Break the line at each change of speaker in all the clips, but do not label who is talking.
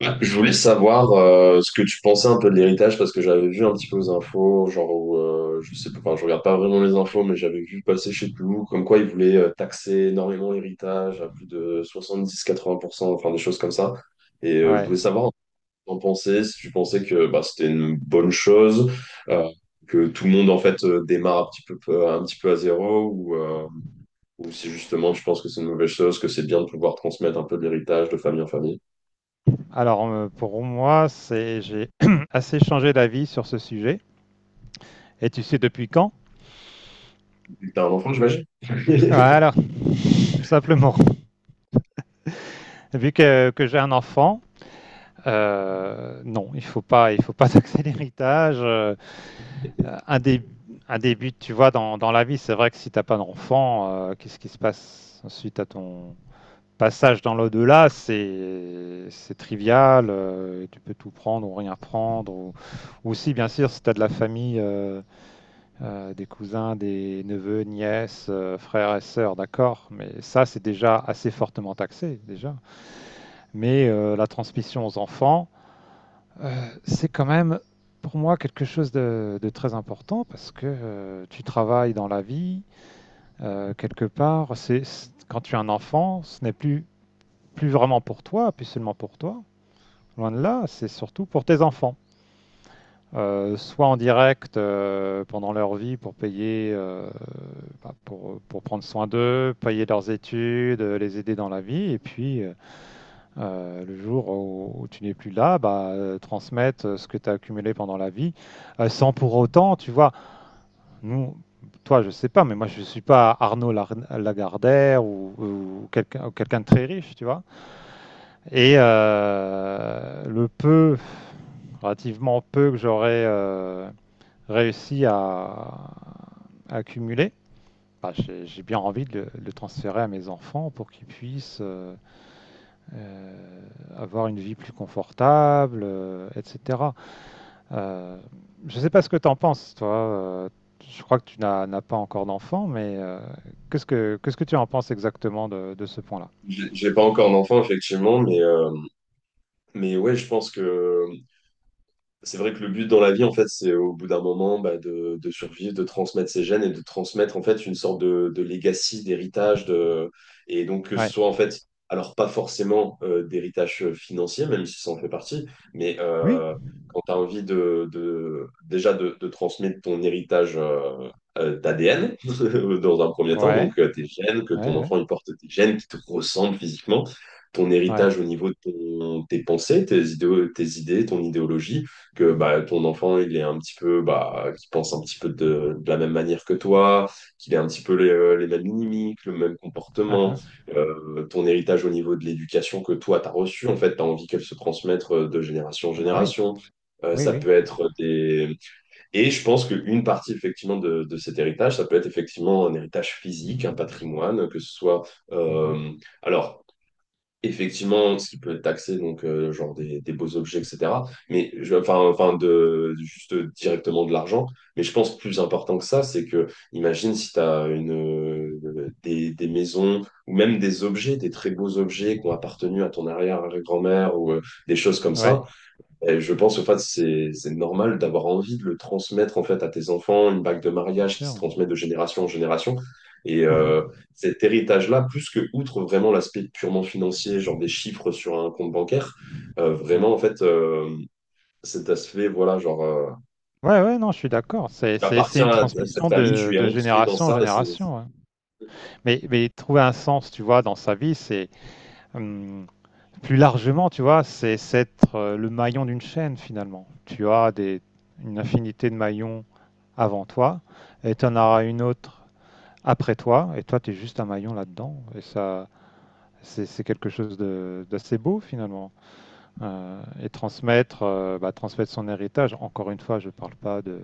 Ouais, je voulais savoir ce que tu pensais un peu de l'héritage parce que j'avais vu un petit peu aux infos, genre où, je sais pas, enfin, je regarde pas vraiment les infos, mais j'avais vu passer je sais plus où, comme quoi ils voulaient taxer énormément l'héritage à plus de 70-80%, enfin des choses comme ça. Et je voulais
Ouais.
savoir ce que t'en pensais, si tu pensais que bah, c'était une bonne chose, euh, que tout le monde en fait démarre un petit peu, un petit peu à zéro, ou si justement tu penses que c'est une mauvaise chose, que c'est bien de pouvoir transmettre un peu de l'héritage de famille en famille.
Alors, pour moi, c'est j'ai assez changé d'avis sur ce sujet. Et tu sais depuis quand?
T'as un enfant, j'imagine?
Voilà, tout simplement. Vu que j'ai un enfant, non, il faut pas taxer l'héritage. Un dé- un début, tu vois, dans la vie, c'est vrai que si t'as pas d'enfant, qu'est-ce qui se passe ensuite à ton passage dans l'au-delà? C'est trivial. Tu peux tout prendre ou rien prendre. Ou aussi, bien sûr, si t'as de la famille. Des cousins, des neveux, nièces, frères et sœurs, d'accord, mais ça c'est déjà assez fortement taxé déjà. Mais la transmission aux enfants, euh, c'est quand même pour moi quelque chose de très important parce que tu travailles dans la vie quelque part. Quand tu as un enfant, ce n'est plus vraiment pour toi, plus seulement pour toi. Loin de là, c'est surtout pour tes enfants. Soit en direct pendant leur vie pour payer, bah, pour prendre soin d'eux, payer leurs études, les aider dans la vie, et puis le jour où tu n'es plus là, bah, transmettre ce que tu as accumulé pendant la vie, sans pour autant, tu vois, nous, toi, je sais pas, mais moi, je suis pas Lagardère ou, ou quelqu'un de très riche, tu vois, et le peu, relativement peu que j'aurais réussi à accumuler, bah, j'ai bien envie de le transférer à mes enfants pour qu'ils puissent euh, avoir une vie plus confortable, etc. Euh, je ne sais pas ce que tu en penses, toi. euh, je crois que tu n'as pas encore d'enfant, mais qu'est-ce que tu en penses exactement de ce point-là?
J'ai pas encore d'enfant, effectivement, mais ouais, je pense que c'est vrai que le but dans la vie, en fait, c'est au bout d'un moment bah, de survivre, de transmettre ses gènes et de transmettre en fait une sorte de legacy, d'héritage. Et donc que ce
Ouais.
soit en fait, alors pas forcément d'héritage financier, même si ça en fait partie, mais
Oui.
quand tu as envie de déjà de transmettre ton héritage d'ADN dans un premier temps,
Ouais.
donc tes gènes, que
Ouais.
ton
Ouais.
enfant il porte tes gènes qui te ressemblent physiquement, ton
Ouais.
héritage au niveau de tes pensées, tes idées, ton idéologie que bah, ton enfant, il est un petit peu, bah, qu'il pense un petit peu de la même manière que toi, qu'il ait un petit peu les mêmes mimiques, le même
Ah,
comportement,
ah.
ton héritage au niveau de l'éducation que toi, tu as reçu, en fait, tu as envie qu'elle se transmette de génération en
Ah bah oui.
génération.
Oui,
Ça
oui.
peut être des... Et je pense qu'une partie, effectivement, de cet héritage, ça peut être effectivement un héritage physique, un patrimoine, que ce soit...
Mhm.
euh, Alors, Effectivement, ce qui peut être taxé, donc genre des beaux objets, etc. Mais enfin, juste directement de l'argent. Mais je pense plus important que ça, c'est que imagine si tu as des maisons ou même des objets, des très beaux objets qui ont appartenu à ton arrière-grand-mère ou des choses comme ça.
Ouais.
Et je pense en fait c'est normal d'avoir envie de le transmettre en fait à tes enfants, une bague de
Bien
mariage qui se
sûr.
transmet de génération en génération. Et
Mhm.
euh, Cet héritage-là, plus que outre vraiment l'aspect purement financier, genre des chiffres sur un compte bancaire, vraiment
Ouais.
en fait cet aspect voilà genre
Ouais, ouais, non, je suis d'accord.
tu
C'est
appartiens
une
à cette
transmission
famille, tu es
de
ancré dans
génération en
ça et c'est.
génération, hein. Mais trouver un sens, tu vois, dans sa vie, c'est hum, plus largement, tu vois, c'est être le maillon d'une chaîne finalement. Tu as des, une infinité de maillons avant toi, et tu en auras une autre après toi, et toi, tu es juste un maillon là-dedans. Et ça, c'est d'assez beau finalement. Et transmettre, bah, transmettre son héritage. Encore une fois, je ne parle pas de,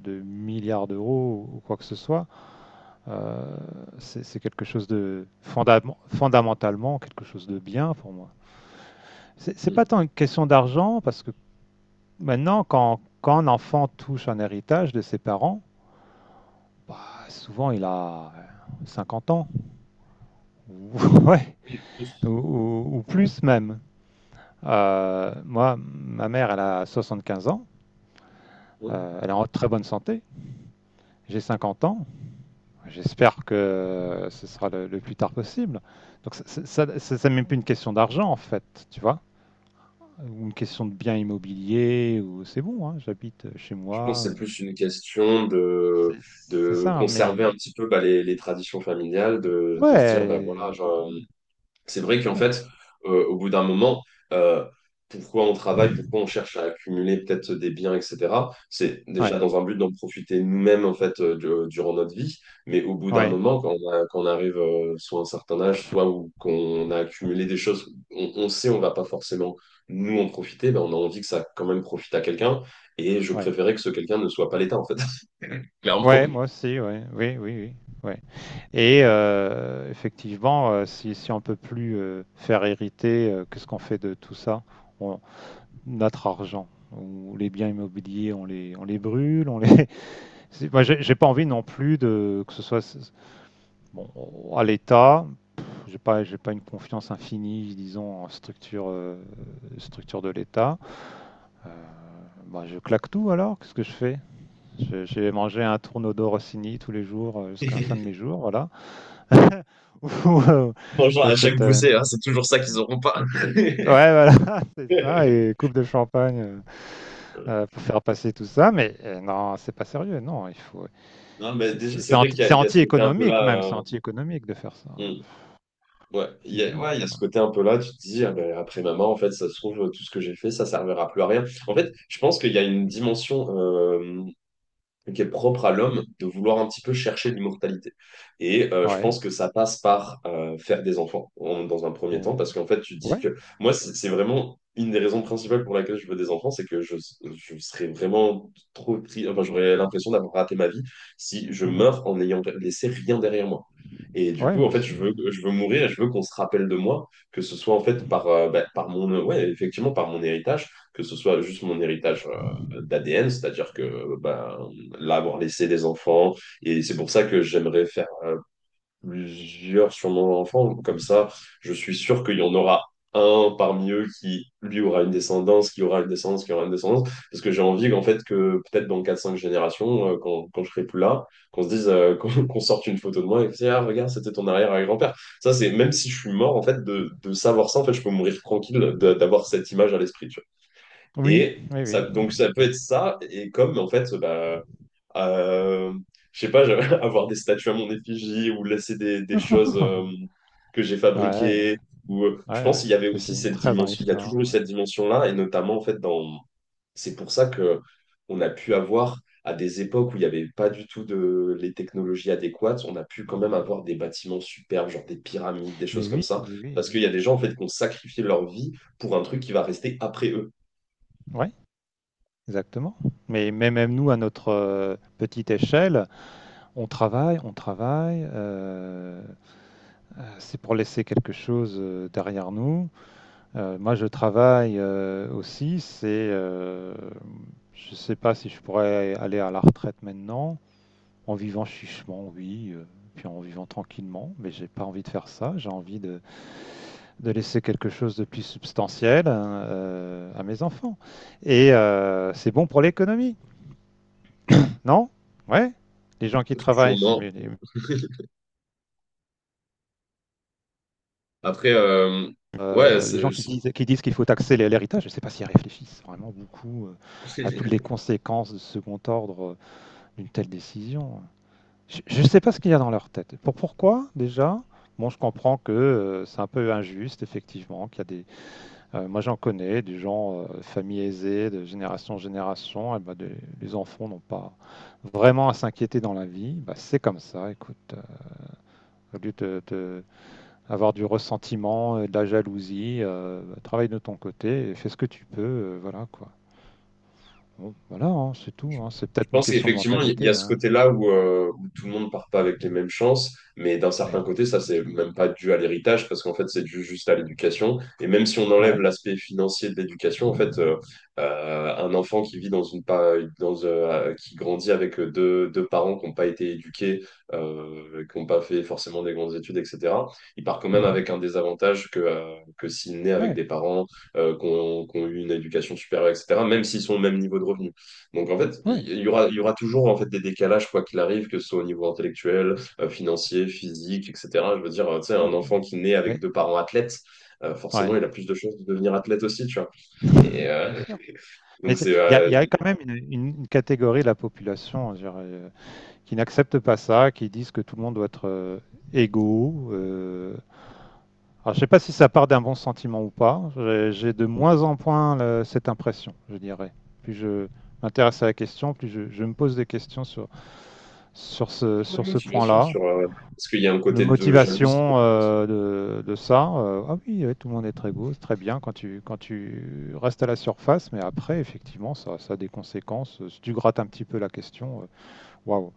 de milliards d'euros ou quoi que ce soit. Euh, c'est quelque chose de fondamentalement quelque chose de bien pour moi. C'est pas
Mm.
tant une question d'argent parce que maintenant, quand un enfant touche un héritage de ses parents, bah, souvent il a 50 ans ou, ouais,
Oui, plus.
ou plus même. Moi, ma mère, elle a 75 ans.
Oui.
Elle est en très bonne santé. J'ai 50 ans. J'espère que ce sera le plus tard possible. Donc, ça, même plus une question d'argent, en fait, tu vois, ou une question de bien immobilier, ou c'est bon, hein, j'habite chez
Je pense
moi.
que c'est plus une question
C'est
de
ça, hein,
conserver un
mais
petit peu bah, les traditions familiales, de se dire, bah,
ouais,
voilà,
les
genre.
objets,
C'est vrai qu'en
ouais,
fait, au bout d'un moment, euh, pourquoi on travaille, pourquoi on cherche à accumuler peut-être des biens, etc. C'est
ouais,
déjà dans un but d'en profiter nous-mêmes, en fait, durant notre vie. Mais au bout d'un
ouais,
moment, quand on arrive soit à un certain âge, soit où qu'on a accumulé des choses, on sait on va pas forcément nous en profiter, ben on a envie que ça quand même profite à quelqu'un. Et je
ouais.
préférais que ce quelqu'un ne soit pas l'État, en fait, clairement.
Ouais, moi aussi, ouais, oui, oui, oui, ouais. Et effectivement, si, si on peut plus faire hériter, qu'est-ce qu'on fait de tout ça? Notre argent. On- les biens immobiliers, on les brûle. On les... C'est- Moi, j'ai pas envie non plus de que ce soit bon à l'État. Pff, j'ai pas, j'ai pas une confiance infinie, disons, en structure, structure de l'État. Euh, Bah, je claque tout alors. Qu'est-ce que je fais? Je- j'ai mangé un tourneau d'or Rossini tous les jours jusqu'à la fin de mes jours, voilà. Ou
Bonjour à chaque
j'achète
boussée, hein, c'est toujours ça qu'ils auront pas.
ouais, voilà, c'est ça, et coupe de champagne pour faire passer tout ça, mais non, c'est pas sérieux, non, il faut.
Non, mais déjà, c'est
C'est
vrai
anti,
qu'il y a,
c'est
il y a ce côté un peu
anti-économique
là.
même, c'est anti-économique de faire ça.
Hmm, ouais,
C'est idiot.
ouais, il y a ce côté un peu là. Tu te dis, ah ben, après maman, en fait, ça se trouve, tout ce que j'ai fait, ça servira plus à rien. En fait, je pense qu'il y a une dimension qui est propre à l'homme de vouloir un petit peu chercher l'immortalité. Et je
Ouais.
pense que ça passe par faire des enfants dans un premier
Ouais.
temps, parce qu'en fait, tu te dis
Ouais,
que moi, c'est vraiment une des raisons principales pour laquelle je veux des enfants, c'est que je serais vraiment trop triste, enfin, j'aurais l'impression d'avoir raté ma vie si je
mhm.
meurs en n'ayant laissé rien derrière moi. Et du
Ouais,
coup, en
moi
fait,
aussi, ouais.
je veux mourir et je veux qu'on se rappelle de moi, que ce soit en fait par, bah, par mon, ouais, effectivement, par mon héritage, que ce soit juste mon héritage d'ADN, c'est-à-dire que bah, l'avoir laissé des enfants. Et c'est pour ça que j'aimerais faire plusieurs sur mon enfant. Comme ça, je suis sûr qu'il y en aura un parmi eux qui, lui, aura une descendance, qui aura une descendance, qui aura une descendance. Parce que j'ai envie qu'en fait, que peut-être dans quatre cinq générations, quand je serai plus là, qu'on se dise, qu'on sorte une photo de moi et que c'est, ah, regarde, c'était ton arrière-grand-père. Ça, c'est, même si je suis mort, en fait, de savoir ça, en fait, je peux mourir tranquille d'avoir cette image à l'esprit, tu vois.
Oui,
Et
oui,
ça,
oui.
donc, ça peut
Ouais.
être ça. Et comme, en fait, bah, euh, je sais pas, avoir des statues à mon effigie ou laisser des choses que j'ai
Ouais, ouais,
fabriquées.
ouais,
Je pense
ouais.
qu'il y avait
Et
aussi
c'est une
cette
trace dans
dimension, il y a toujours
l'histoire,
eu
ouais.
cette dimension-là, et notamment, en fait, dans... C'est pour ça que on a pu avoir, à des époques où il n'y avait pas du tout de... les technologies adéquates, on a pu quand même avoir des bâtiments superbes, genre des pyramides, des choses comme ça,
Mais oui,
parce qu'il y a
oui,
des gens, en
oui.
fait, qui ont sacrifié leur vie pour un truc qui va rester après eux.
Ouais, exactement. Mais même nous, à notre petite échelle, on travaille, on travaille. C'est pour laisser quelque chose derrière nous. Moi, je travaille aussi. C'est, je ne sais pas si je pourrais aller à la retraite maintenant, en vivant chichement, oui, puis en vivant tranquillement. Mais j'ai pas envie de faire ça. J'ai envie de laisser quelque chose de plus substantiel hein, à mes enfants. Et c'est bon pour l'économie, non? Ouais. Les gens qui travaillent, c'est
Sûrement.
mieux, les...
Après, ouais,
Les
c'est-
gens qui disent qu'il faut taxer l'héritage, je ne sais pas s'ils réfléchissent vraiment beaucoup à toutes les conséquences de second ordre d'une telle décision. Je ne sais pas ce qu'il y a dans leur tête. Pourquoi déjà... Bon, je comprends que c'est un peu injuste, effectivement, qu'il y a des... Moi, j'en connais, des gens, familles aisées, de génération en génération, eh ben, des- les enfants n'ont pas vraiment à s'inquiéter dans la vie. Bah, c'est comme ça, écoute. Au lieu de- avoir du ressentiment, de la jalousie, travaille de ton côté et fais ce que tu peux, voilà quoi. Bon, voilà, hein, c'est tout, hein. C'est
Je
peut-être une
pense
question de
qu'effectivement, il y a
mentalité,
ce
hein.
côté-là où tout le monde part pas avec les mêmes chances, mais d'un
Mais
certain
bon,
côté,
c'est
ça,
comme
c'est
ça.
même pas dû à l'héritage, parce qu'en fait, c'est dû juste à l'éducation. Et même si on enlève
Ouais.
l'aspect financier de l'éducation, en fait, un enfant qui vit dans une pa- dans, qui grandit avec deux parents qui n'ont pas été éduqués, qui n'ont pas fait forcément des grandes études, etc., il part quand même
Mhm.
avec un désavantage que s'il naît avec
Ouais.
des parents qui ont eu une éducation supérieure, etc., même s'ils sont au même niveau de revenu. Donc en fait,
Ouais.
il y aura toujours en fait des décalages quoi qu'il arrive, que ce soit au niveau intellectuel, financier, physique, etc. Je veux dire, tu sais,
Ouais,
un
ouais.
enfant qui naît avec
Mais
deux parents athlètes,
ouais.
forcément, il a plus de chances de devenir athlète aussi, tu vois. Et
Bien sûr. Mais
donc
c'est-
c'est
il y a quand même une catégorie de la population hein, je dirais, qui n'accepte pas ça, qui disent que tout le monde doit être égaux, euh... Alors, je sais pas si ça part d'un bon sentiment ou pas. J'ai de moins en moins le- cette impression, je dirais. Plus je m'intéresse à la question, plus je me pose des questions sur,
sur la
sur ce
motivation
point-là.
sur est-ce qu'il y a un
La
côté de jalousie
motivation
peut-être aussi.
de ça, ah oui, ouais, tout le monde est très beau, c'est très bien quand tu restes à la surface, mais après, effectivement, ça a des conséquences. Si tu grattes un petit peu la question, waouh,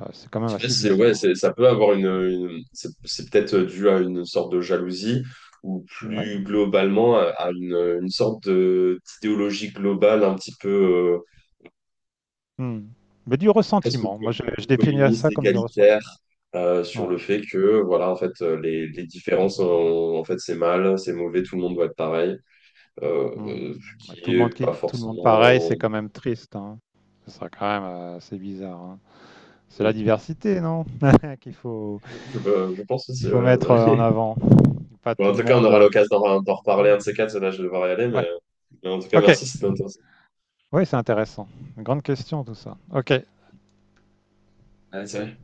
c'est quand même
Je sais pas
assez
si c'est ouais,
bizarre.
c'est ça peut avoir c'est peut-être dû à une sorte de jalousie ou
Ouais.
plus globalement à une sorte de d'idéologie globale un petit peu
Hmm. Mais du
presque
ressentiment, moi je définirais
communiste,
ça comme du
égalitaire,
ressentiment.
sur
Ouais.
le fait que, voilà, en fait, les différences, en fait, c'est mal, c'est mauvais, tout le monde doit être pareil,
Mmh.
ce
Bah, tout
qui
le
est
monde
pas
qui tout le monde pareil, c'est
forcément.
quand même triste, hein. Ce serait quand même assez bizarre, hein. C'est la
hmm,
diversité, non? Qu'il faut
Je, je- je pense aussi,
qu'il faut
ouais,
mettre en
ouais.
avant. Pas
Bon,
tout
en
le
tout cas, on
monde,
aura
euh...
l'occasion d'en reparler un de ces quatre, là, je vais devoir y aller,
Ouais.
mais en tout cas,
Ok.
merci, c'était intéressant.
Oui, c'est intéressant. Grande question tout ça. Ok.
Allez, salut.